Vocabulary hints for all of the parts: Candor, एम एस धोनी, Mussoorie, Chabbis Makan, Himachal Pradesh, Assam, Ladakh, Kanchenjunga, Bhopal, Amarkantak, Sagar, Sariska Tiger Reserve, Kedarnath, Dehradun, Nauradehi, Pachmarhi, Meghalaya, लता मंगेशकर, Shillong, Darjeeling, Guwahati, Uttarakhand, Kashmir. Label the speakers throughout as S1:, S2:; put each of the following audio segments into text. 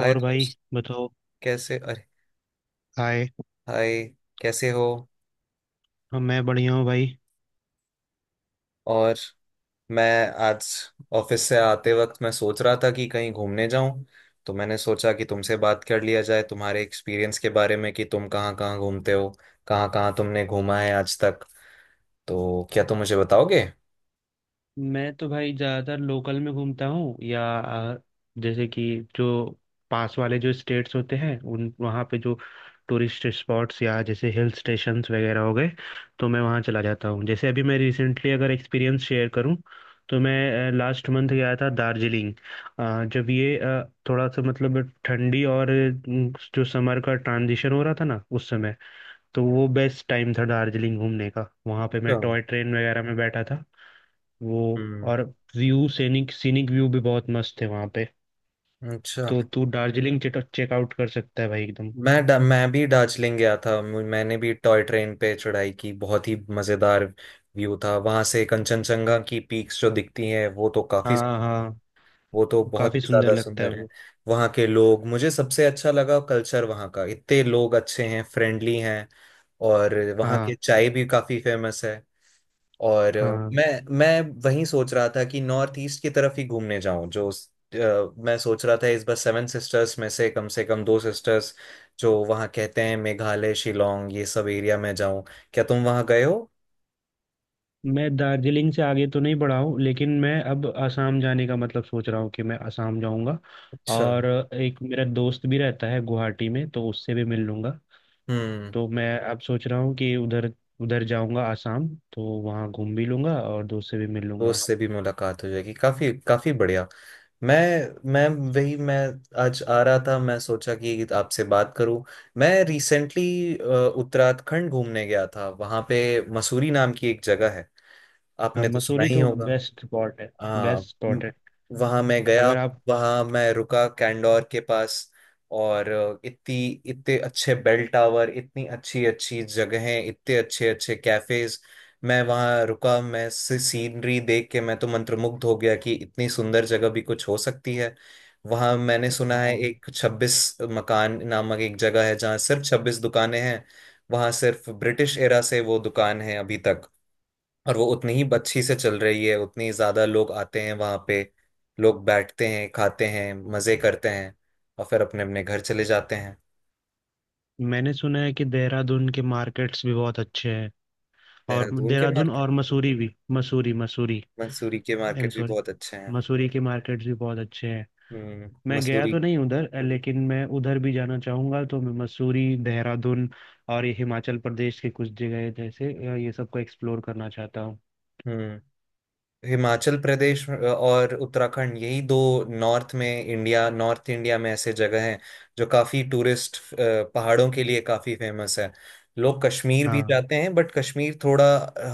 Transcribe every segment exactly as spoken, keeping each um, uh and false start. S1: हाय
S2: भाई,
S1: दोस्त।
S2: बताओ।
S1: कैसे अरे
S2: हाय।
S1: हाय कैसे हो?
S2: हाँ, मैं बढ़िया हूँ भाई।
S1: और मैं आज ऑफिस से आते वक्त मैं सोच रहा था कि कहीं घूमने जाऊं। तो मैंने सोचा कि तुमसे बात कर लिया जाए तुम्हारे एक्सपीरियंस के बारे में कि तुम कहाँ कहाँ घूमते हो, कहाँ कहाँ तुमने घूमा है आज तक। तो क्या तुम मुझे बताओगे?
S2: मैं तो भाई ज़्यादातर लोकल में घूमता हूँ या आ, जैसे कि जो पास वाले जो स्टेट्स होते हैं उन वहाँ पे जो टूरिस्ट स्पॉट्स या जैसे हिल स्टेशंस वगैरह हो गए, तो मैं वहाँ चला जाता हूँ। जैसे अभी मैं रिसेंटली अगर एक्सपीरियंस शेयर करूँ, तो मैं लास्ट मंथ गया था दार्जिलिंग। अ, जब ये अ, थोड़ा सा मतलब ठंडी और अ, जो समर का ट्रांजिशन हो रहा था ना उस समय, तो वो बेस्ट टाइम था दार्जिलिंग घूमने का। वहाँ पे मैं
S1: अच्छा।
S2: टॉय ट्रेन वगैरह में बैठा था वो।
S1: हम्म।
S2: और व्यू, सीनिक सीनिक व्यू भी बहुत मस्त थे वहाँ पे।
S1: अच्छा,
S2: तो तू दार्जिलिंग चेकआउट कर सकता है भाई, एकदम।
S1: मैं डा, मैं भी दार्जिलिंग गया था। मु- मैंने भी टॉय ट्रेन पे चढ़ाई की। बहुत ही मज़ेदार व्यू था वहां से। कंचनजंगा की पीक्स जो दिखती हैं वो तो काफी,
S2: हाँ हाँ।
S1: वो तो बहुत ही
S2: काफ़ी सुंदर
S1: ज्यादा
S2: लगता है
S1: सुंदर है।
S2: वो।
S1: वहाँ के लोग मुझे सबसे अच्छा लगा, कल्चर वहाँ का। इतने लोग अच्छे हैं, फ्रेंडली हैं। और वहाँ की
S2: हाँ
S1: चाय भी काफी फेमस है। और
S2: हाँ।
S1: मैं मैं वहीं सोच रहा था कि नॉर्थ ईस्ट की तरफ ही घूमने जाऊं। जो अ, मैं सोच रहा था इस बार सेवन सिस्टर्स में से कम से कम दो सिस्टर्स, जो वहाँ कहते हैं, मेघालय शिलोंग, ये सब एरिया में जाऊं। क्या तुम वहाँ गए हो?
S2: मैं दार्जिलिंग से आगे तो नहीं बढ़ा हूँ, लेकिन मैं अब आसाम जाने का मतलब सोच रहा हूँ कि मैं आसाम जाऊँगा।
S1: अच्छा।
S2: और एक मेरा दोस्त भी रहता है गुवाहाटी में, तो उससे भी मिल लूँगा।
S1: हम्म।
S2: तो मैं अब सोच रहा हूँ कि उधर उधर जाऊंगा आसाम, तो वहाँ घूम भी लूंगा और दोस्त से भी मिल
S1: तो
S2: लूंगा।
S1: उससे भी मुलाकात हो जाएगी, काफी काफी बढ़िया। मैं मैं वही मैं आज आ रहा था, मैं सोचा कि आपसे बात करूं। मैं रिसेंटली उत्तराखंड घूमने गया था। वहां पे मसूरी नाम की एक जगह है,
S2: हाँ,
S1: आपने तो सुना
S2: मसूरी
S1: ही
S2: तो
S1: होगा।
S2: बेस्ट स्पॉट है।
S1: हाँ
S2: बेस्ट
S1: म-
S2: स्पॉट है।
S1: वहाँ मैं गया,
S2: अगर आप।
S1: वहाँ मैं रुका कैंडोर के पास। और अ, इतनी इतने अच्छे बेल टावर, इतनी अच्छी अच्छी जगहें, इतने अच्छे अच्छे कैफेज। मैं वहाँ रुका, मैं सीनरी देख के मैं तो मंत्रमुग्ध हो गया कि इतनी सुंदर जगह भी कुछ हो सकती है। वहाँ मैंने सुना है
S2: हाँ,
S1: एक छब्बीस मकान नामक एक जगह है, जहाँ सिर्फ छब्बीस दुकानें हैं। वहाँ सिर्फ ब्रिटिश एरा से वो दुकान है अभी तक। और वो उतनी ही अच्छी से चल रही है, उतनी ही ज्यादा लोग आते हैं वहां पे। लोग बैठते हैं, खाते हैं, मजे करते हैं, और फिर अपने अपने घर चले जाते हैं।
S2: मैंने सुना है कि देहरादून के मार्केट्स भी बहुत अच्छे हैं। और
S1: देहरादून के
S2: देहरादून
S1: मार्केट,
S2: और मसूरी भी, मसूरी मसूरी
S1: मंसूरी के
S2: आई एम
S1: मार्केट भी
S2: सॉरी,
S1: बहुत अच्छे हैं।
S2: मसूरी के मार्केट्स भी बहुत अच्छे हैं।
S1: हम्म,
S2: मैं गया
S1: मसूरी।
S2: तो नहीं उधर, अ, लेकिन मैं उधर भी जाना चाहूंगा। तो मैं मसूरी, देहरादून और ये हिमाचल प्रदेश के कुछ जगह जैसे, अ, ये सबको एक्सप्लोर करना चाहता हूँ।
S1: हम्म। हिमाचल प्रदेश और उत्तराखंड, यही दो नॉर्थ में, इंडिया नॉर्थ इंडिया में ऐसे जगह हैं जो काफी टूरिस्ट, पहाड़ों के लिए काफी फेमस है। लोग कश्मीर भी
S2: हाँ
S1: जाते हैं, बट कश्मीर थोड़ा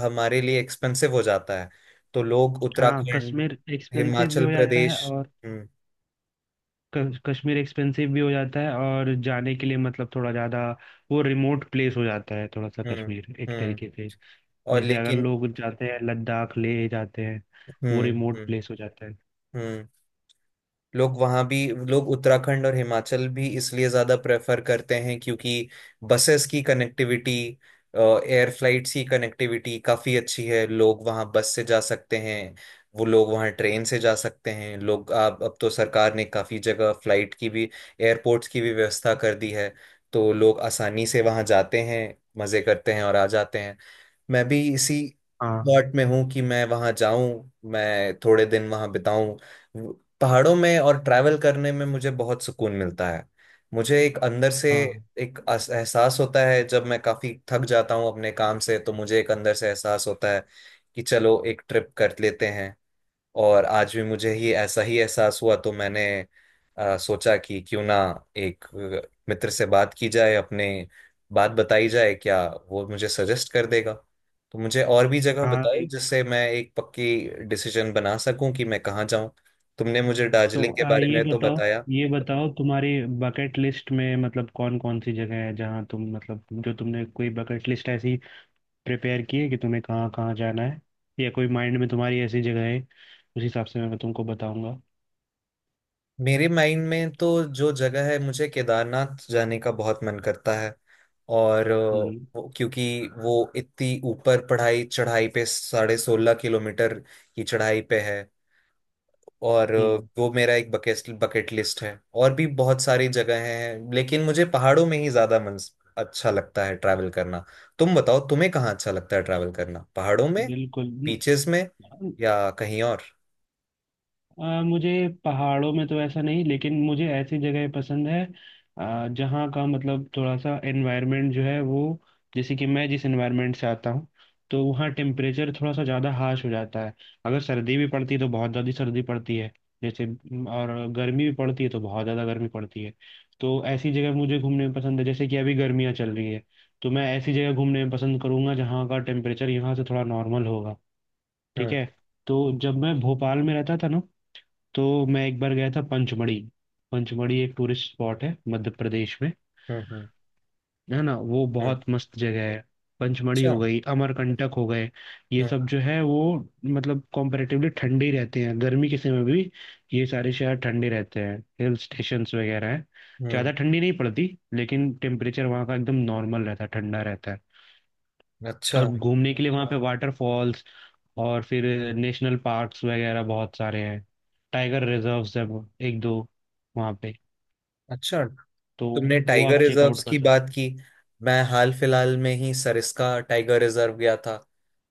S1: हमारे लिए एक्सपेंसिव हो जाता है। तो लोग
S2: हाँ,
S1: उत्तराखंड
S2: कश्मीर एक्सपेंसिव भी
S1: हिमाचल
S2: हो जाता है
S1: प्रदेश।
S2: और
S1: हम्म।
S2: क- कश्मीर एक्सपेंसिव भी हो जाता है और जाने के लिए मतलब थोड़ा ज़्यादा। वो रिमोट प्लेस हो जाता है थोड़ा सा
S1: हम्म।
S2: कश्मीर एक
S1: हम्म।
S2: तरीके से।
S1: और
S2: जैसे अगर
S1: लेकिन।
S2: लोग जाते हैं लद्दाख ले जाते हैं, वो
S1: हम्म।
S2: रिमोट
S1: हम्म।
S2: प्लेस हो जाता है।
S1: हम्म। लोग वहाँ भी, लोग उत्तराखंड और हिमाचल भी इसलिए ज़्यादा प्रेफर करते हैं क्योंकि बसेस की कनेक्टिविटी, एयर फ्लाइट्स की कनेक्टिविटी काफ़ी अच्छी है। लोग वहाँ बस से जा सकते हैं, वो लोग वहाँ ट्रेन से जा सकते हैं। लोग अब अब तो सरकार ने काफ़ी जगह फ्लाइट की भी, एयरपोर्ट्स की भी व्यवस्था कर दी है। तो लोग आसानी से वहाँ जाते हैं, मज़े करते हैं और आ जाते हैं। मैं भी इसी
S2: हाँ
S1: थॉट में हूँ कि मैं वहाँ जाऊं, मैं थोड़े दिन वहाँ बिताऊं। वो- पहाड़ों में और ट्रैवल करने में मुझे बहुत सुकून मिलता है। मुझे एक अंदर से
S2: हाँ
S1: एक अस- एहसास होता है। जब मैं काफी थक जाता हूँ अपने काम से तो मुझे एक अंदर से एहसास होता है कि चलो एक ट्रिप कर लेते हैं। और आज भी मुझे ही ऐसा ही एहसास हुआ तो मैंने अ, सोचा कि क्यों ना एक अ, मित्र से बात की जाए अपने, बात बताई जाए, क्या वो मुझे सजेस्ट कर देगा। तो मुझे और भी जगह
S2: हाँ।
S1: बताओ, जिससे मैं एक पक्की डिसीजन बना सकूं कि मैं कहाँ जाऊं। तुमने मुझे
S2: तो
S1: दार्जिलिंग के
S2: आ,
S1: बारे
S2: ये
S1: में तो
S2: बताओ,
S1: बताया।
S2: ये बताओ तुम्हारी बकेट लिस्ट में मतलब कौन कौन सी जगह है जहाँ तुम मतलब, जो तुमने कोई बकेट लिस्ट ऐसी प्रिपेयर किए कि तुम्हें कहाँ कहाँ जाना है, या कोई माइंड में तुम्हारी ऐसी जगह है, उस हिसाब से मैं तुमको बताऊंगा।
S1: मेरे माइंड में तो जो जगह है, मुझे केदारनाथ जाने का बहुत मन करता है। और अ,
S2: हम्म
S1: वो- क्योंकि वो इतनी ऊपर पढ़ाई चढ़ाई पे, साढ़े सोलह किलोमीटर की चढ़ाई पे है। और अ,
S2: हम्म।
S1: वो मेरा एक बकेट बकेट लिस्ट है। और भी बहुत सारी जगह हैं लेकिन मुझे पहाड़ों में ही ज्यादा मन अच्छा लगता है ट्रैवल करना। तुम बताओ, तुम्हें कहाँ अच्छा लगता है ट्रैवल करना, पहाड़ों में,
S2: बिल्कुल।
S1: बीचेस में, या कहीं और?
S2: आ, मुझे पहाड़ों में तो ऐसा नहीं, लेकिन मुझे ऐसी जगह पसंद है, आ, जहाँ का मतलब थोड़ा सा एनवायरनमेंट जो है वो, जैसे कि मैं जिस एनवायरनमेंट से आता हूँ, तो वहाँ टेम्परेचर थोड़ा सा ज़्यादा हार्श हो जाता है। अगर सर्दी भी पड़ती है तो बहुत ज़्यादा सर्दी पड़ती है जैसे, म, और गर्मी भी पड़ती है तो बहुत ज़्यादा गर्मी पड़ती है। तो ऐसी जगह मुझे घूमने में पसंद है। जैसे कि अभी गर्मियाँ चल रही है, तो मैं ऐसी जगह घूमने में पसंद करूंगा जहाँ का टेम्परेचर यहाँ से थोड़ा नॉर्मल होगा। ठीक
S1: हम्म।
S2: है। तो जब मैं भोपाल में रहता था ना, तो मैं एक बार गया था पंचमढ़ी। पंचमढ़ी एक टूरिस्ट स्पॉट है मध्य प्रदेश में।
S1: हम्म। हम्म।
S2: है ना, वो
S1: हम्म।
S2: बहुत मस्त जगह है। पंचमढ़ी
S1: अच्छा।
S2: हो
S1: हम्म।
S2: गई, अमरकंटक हो गए। ये सब जो है वो मतलब कॉम्परेटिवली ठंडे ही रहते हैं गर्मी के समय में भी। ये सारे शहर ठंडे रहते हैं, हिल स्टेशंस वगैरह हैं।
S1: हम्म।
S2: ज़्यादा ठंडी नहीं पड़ती, लेकिन टेम्परेचर वहाँ का एकदम नॉर्मल रहता है, ठंडा रहता है।
S1: अच्छा।
S2: और घूमने के लिए वहाँ पे, हाँ, वाटरफॉल्स, और फिर नेशनल पार्क्स वगैरह बहुत सारे हैं। टाइगर रिजर्व्स है वो- एक दो, वहाँ पे।
S1: अच्छा,
S2: तो
S1: तुमने
S2: वो
S1: टाइगर
S2: आप चेकआउट
S1: रिजर्व्स
S2: कर
S1: की बात
S2: सकते
S1: की। मैं हाल फिलहाल में ही सरिस्का टाइगर रिजर्व गया था।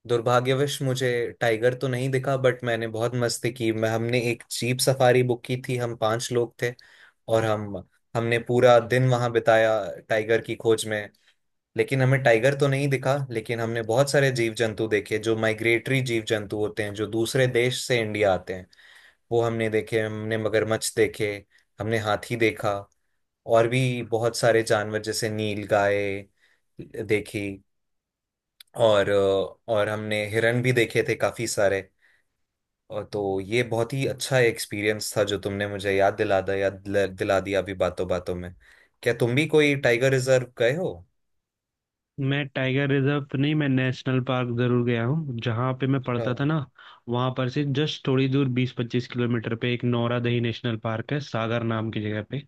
S1: दुर्भाग्यवश मुझे टाइगर तो नहीं दिखा, बट मैंने बहुत मस्ती की। मैं हमने एक जीप सफारी बुक की थी, हम पांच लोग थे। और हम हमने पूरा दिन वहां बिताया टाइगर की खोज में। लेकिन हमें टाइगर तो नहीं दिखा, लेकिन हमने बहुत सारे जीव जंतु देखे जो माइग्रेटरी जीव जंतु होते हैं, जो दूसरे देश से इंडिया आते हैं। वो हमने देखे, हमने मगरमच्छ देखे, हमने हाथी देखा, और भी बहुत सारे जानवर जैसे नीलगाय देखी। और अ, और हमने हिरण भी देखे थे काफी सारे। और तो ये बहुत ही अच्छा एक्सपीरियंस था, जो तुमने मुझे याद दिला दिया, याद दिला दिला दिया अभी बातों बातों में। क्या तुम भी कोई टाइगर रिजर्व गए हो?
S2: हो। मैं टाइगर रिजर्व तो नहीं, मैं नेशनल पार्क जरूर गया हूँ। जहाँ पे मैं
S1: अच्छा।
S2: पढ़ता था ना, वहाँ पर से जस्ट थोड़ी दूर बीस पच्चीस किलोमीटर पे एक नौरादही नेशनल पार्क है, सागर नाम की जगह पे।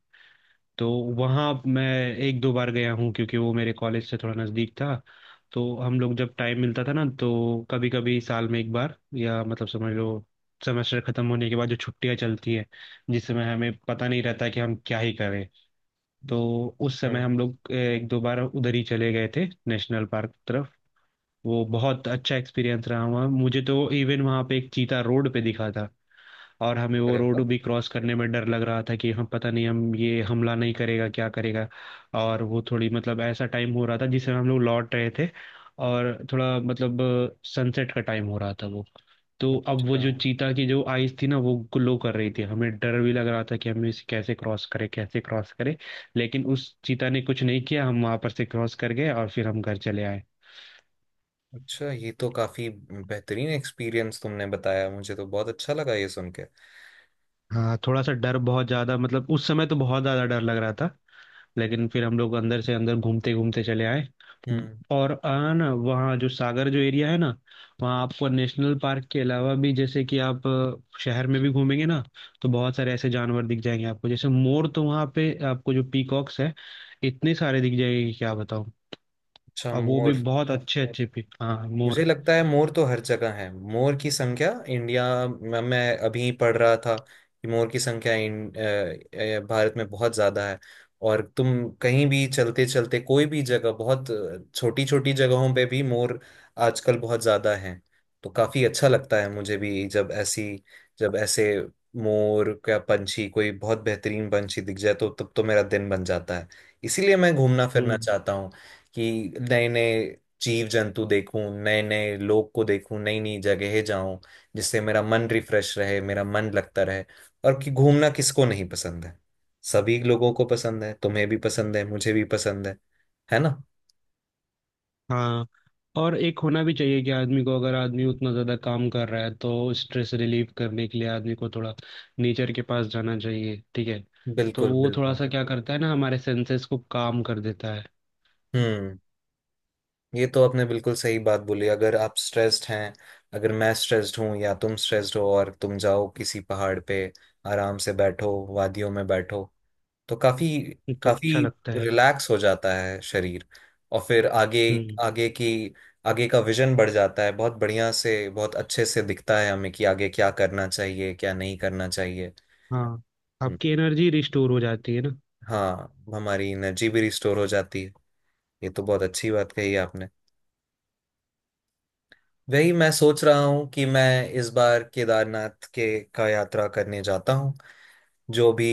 S2: तो वहाँ मैं एक दो बार गया हूँ क्योंकि वो मेरे कॉलेज से थोड़ा नज़दीक था। तो हम लोग जब टाइम मिलता था ना, तो कभी कभी साल में एक बार, या मतलब समझ लो, सेमेस्टर खत्म होने के बाद जो छुट्टियाँ चलती है, जिस समय हमें पता नहीं रहता कि हम क्या ही करें, तो उस समय
S1: हम्म।
S2: हम लोग अ, एक दो बार उधर ही चले गए थे नेशनल पार्क की तरफ। वो बहुत अच्छा एक्सपीरियंस रहा। वहाँ मुझे तो इवन वहाँ पे एक चीता रोड पे दिखा था, और हमें वो
S1: अरे
S2: रोड
S1: वाह।
S2: भी क्रॉस करने में डर लग रहा था कि हम पता नहीं, हम ये हमला नहीं करेगा क्या करेगा। और वो थोड़ी मतलब ऐसा टाइम हो रहा था जिसमें हम लोग लौट रहे थे, और थोड़ा मतलब सनसेट का टाइम हो रहा था वो। तो अब वो
S1: अच्छा।
S2: जो चीता की जो आइज थी ना, वो ग्लो कर रही थी। हमें डर भी लग रहा था कि हमें इसे कैसे क्रॉस करे, कैसे क्रॉस करे। लेकिन उस चीता ने कुछ नहीं किया, हम वहां पर से क्रॉस कर गए और फिर हम घर चले आए।
S1: अच्छा, ये तो काफी बेहतरीन एक्सपीरियंस तुमने बताया, मुझे तो बहुत अच्छा लगा ये सुन के।
S2: हाँ, थोड़ा सा डर, बहुत ज्यादा मतलब उस समय तो बहुत ज्यादा डर लग रहा था। लेकिन फिर हम लोग अंदर से अंदर घूमते घूमते चले आए।
S1: हम्म।
S2: और आ ना, वहाँ जो सागर जो एरिया है ना, वहाँ आपको नेशनल पार्क के अलावा भी, जैसे कि आप अ, शहर में भी घूमेंगे ना, तो बहुत सारे ऐसे जानवर दिख जाएंगे आपको। जैसे मोर, तो वहाँ पे आपको जो पीकॉक्स है, इतने सारे दिख जाएंगे कि क्या बताऊँ।
S1: अच्छा,
S2: अब वो भी
S1: मोर।
S2: बहुत अच्छे अच्छे पी हाँ,
S1: मुझे
S2: मोर।
S1: लगता है मोर तो हर जगह है। मोर की संख्या इंडिया में, मैं अभी पढ़ रहा था कि मोर की संख्या इन, अ, अ, भारत में बहुत ज्यादा है। और तुम कहीं भी चलते चलते कोई भी जगह, बहुत छोटी छोटी जगहों पे भी मोर आजकल बहुत ज्यादा है। तो काफी अच्छा लगता है मुझे भी जब ऐसी, जब ऐसे मोर का पंछी, कोई बहुत बेहतरीन पंछी दिख जाए तो तब तो मेरा दिन बन जाता है। इसीलिए मैं घूमना फिरना
S2: हम्म।
S1: चाहता हूँ, कि नए नए जीव जंतु देखूं, नए नए लोग को देखूं, नई नई जगह जाऊं, जिससे मेरा मन रिफ्रेश रहे, मेरा मन लगता रहे। और कि घूमना किसको नहीं पसंद है? सभी लोगों को पसंद है, तुम्हें भी पसंद है, मुझे भी पसंद है है ना?
S2: हाँ, और एक होना भी चाहिए कि आदमी को, अगर आदमी उतना ज़्यादा काम कर रहा है तो स्ट्रेस रिलीव करने के लिए आदमी को थोड़ा नेचर के पास जाना चाहिए। ठीक है। तो
S1: बिल्कुल
S2: वो थोड़ा
S1: बिल्कुल।
S2: सा क्या करता है ना, हमारे सेंसेस को काम कर देता है।
S1: हम्म, ये तो आपने बिल्कुल सही बात बोली। अगर आप स्ट्रेस्ड हैं, अगर मैं स्ट्रेस्ड हूँ या तुम स्ट्रेस्ड हो, और तुम जाओ किसी पहाड़ पे, आराम से बैठो, वादियों में बैठो, तो काफी
S2: तो
S1: काफी
S2: अच्छा लगता है।
S1: रिलैक्स हो जाता है शरीर। और फिर आगे,
S2: हम्म।
S1: आगे की आगे का विजन बढ़ जाता है, बहुत बढ़िया से, बहुत अच्छे से दिखता है हमें कि आगे क्या करना चाहिए, क्या नहीं करना चाहिए।
S2: हाँ,
S1: हम्म,
S2: आपकी एनर्जी रिस्टोर हो जाती है ना।
S1: हाँ, हमारी एनर्जी भी रिस्टोर हो जाती है। ये तो बहुत अच्छी बात कही आपने। वही मैं सोच रहा हूँ कि मैं इस बार केदारनाथ के का यात्रा करने जाता हूँ। जो भी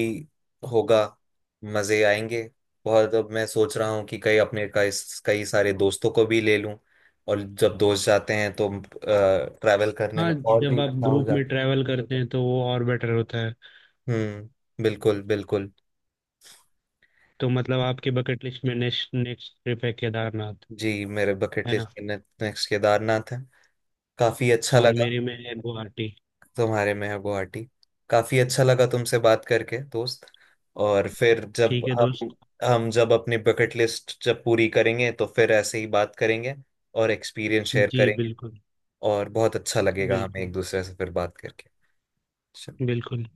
S1: होगा, मजे आएंगे बहुत। अब मैं सोच रहा हूँ कि कई अपने कई कई सारे दोस्तों को भी ले लूं। और जब दोस्त जाते हैं तो ट्रैवल करने
S2: हाँ,
S1: में और भी
S2: जब आप
S1: अच्छा हो
S2: ग्रुप में
S1: जाता
S2: ट्रैवल करते हैं तो वो और बेटर होता है।
S1: है। हम्म, बिल्कुल बिल्कुल।
S2: तो मतलब आपके बकेट लिस्ट में नेक्स्ट नेक्स्ट ट्रिप है केदारनाथ,
S1: जी, मेरे बकेट
S2: है ना।
S1: लिस्ट में नेक्स्ट केदारनाथ है। काफी अच्छा
S2: और
S1: लगा।
S2: मेरे में है गुवाहाटी।
S1: तुम्हारे में है गुवाहाटी। काफी अच्छा लगा तुमसे बात करके दोस्त। और फिर जब
S2: ठीक है
S1: हम
S2: दोस्त।
S1: हम जब अपनी बकेट लिस्ट जब पूरी करेंगे, तो फिर ऐसे ही बात करेंगे और एक्सपीरियंस शेयर
S2: जी
S1: करेंगे।
S2: बिल्कुल।
S1: और बहुत अच्छा लगेगा हमें
S2: बिल्कुल
S1: एक दूसरे से फिर बात करके। चलो,
S2: बिल्कुल।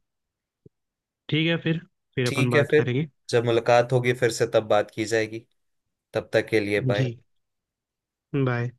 S2: ठीक है फिर, फिर अपन
S1: ठीक है
S2: बात
S1: फिर।
S2: करेंगे।
S1: जब मुलाकात होगी फिर से, तब बात की जाएगी। तब तक के लिए
S2: जी।
S1: बाय।
S2: बाय।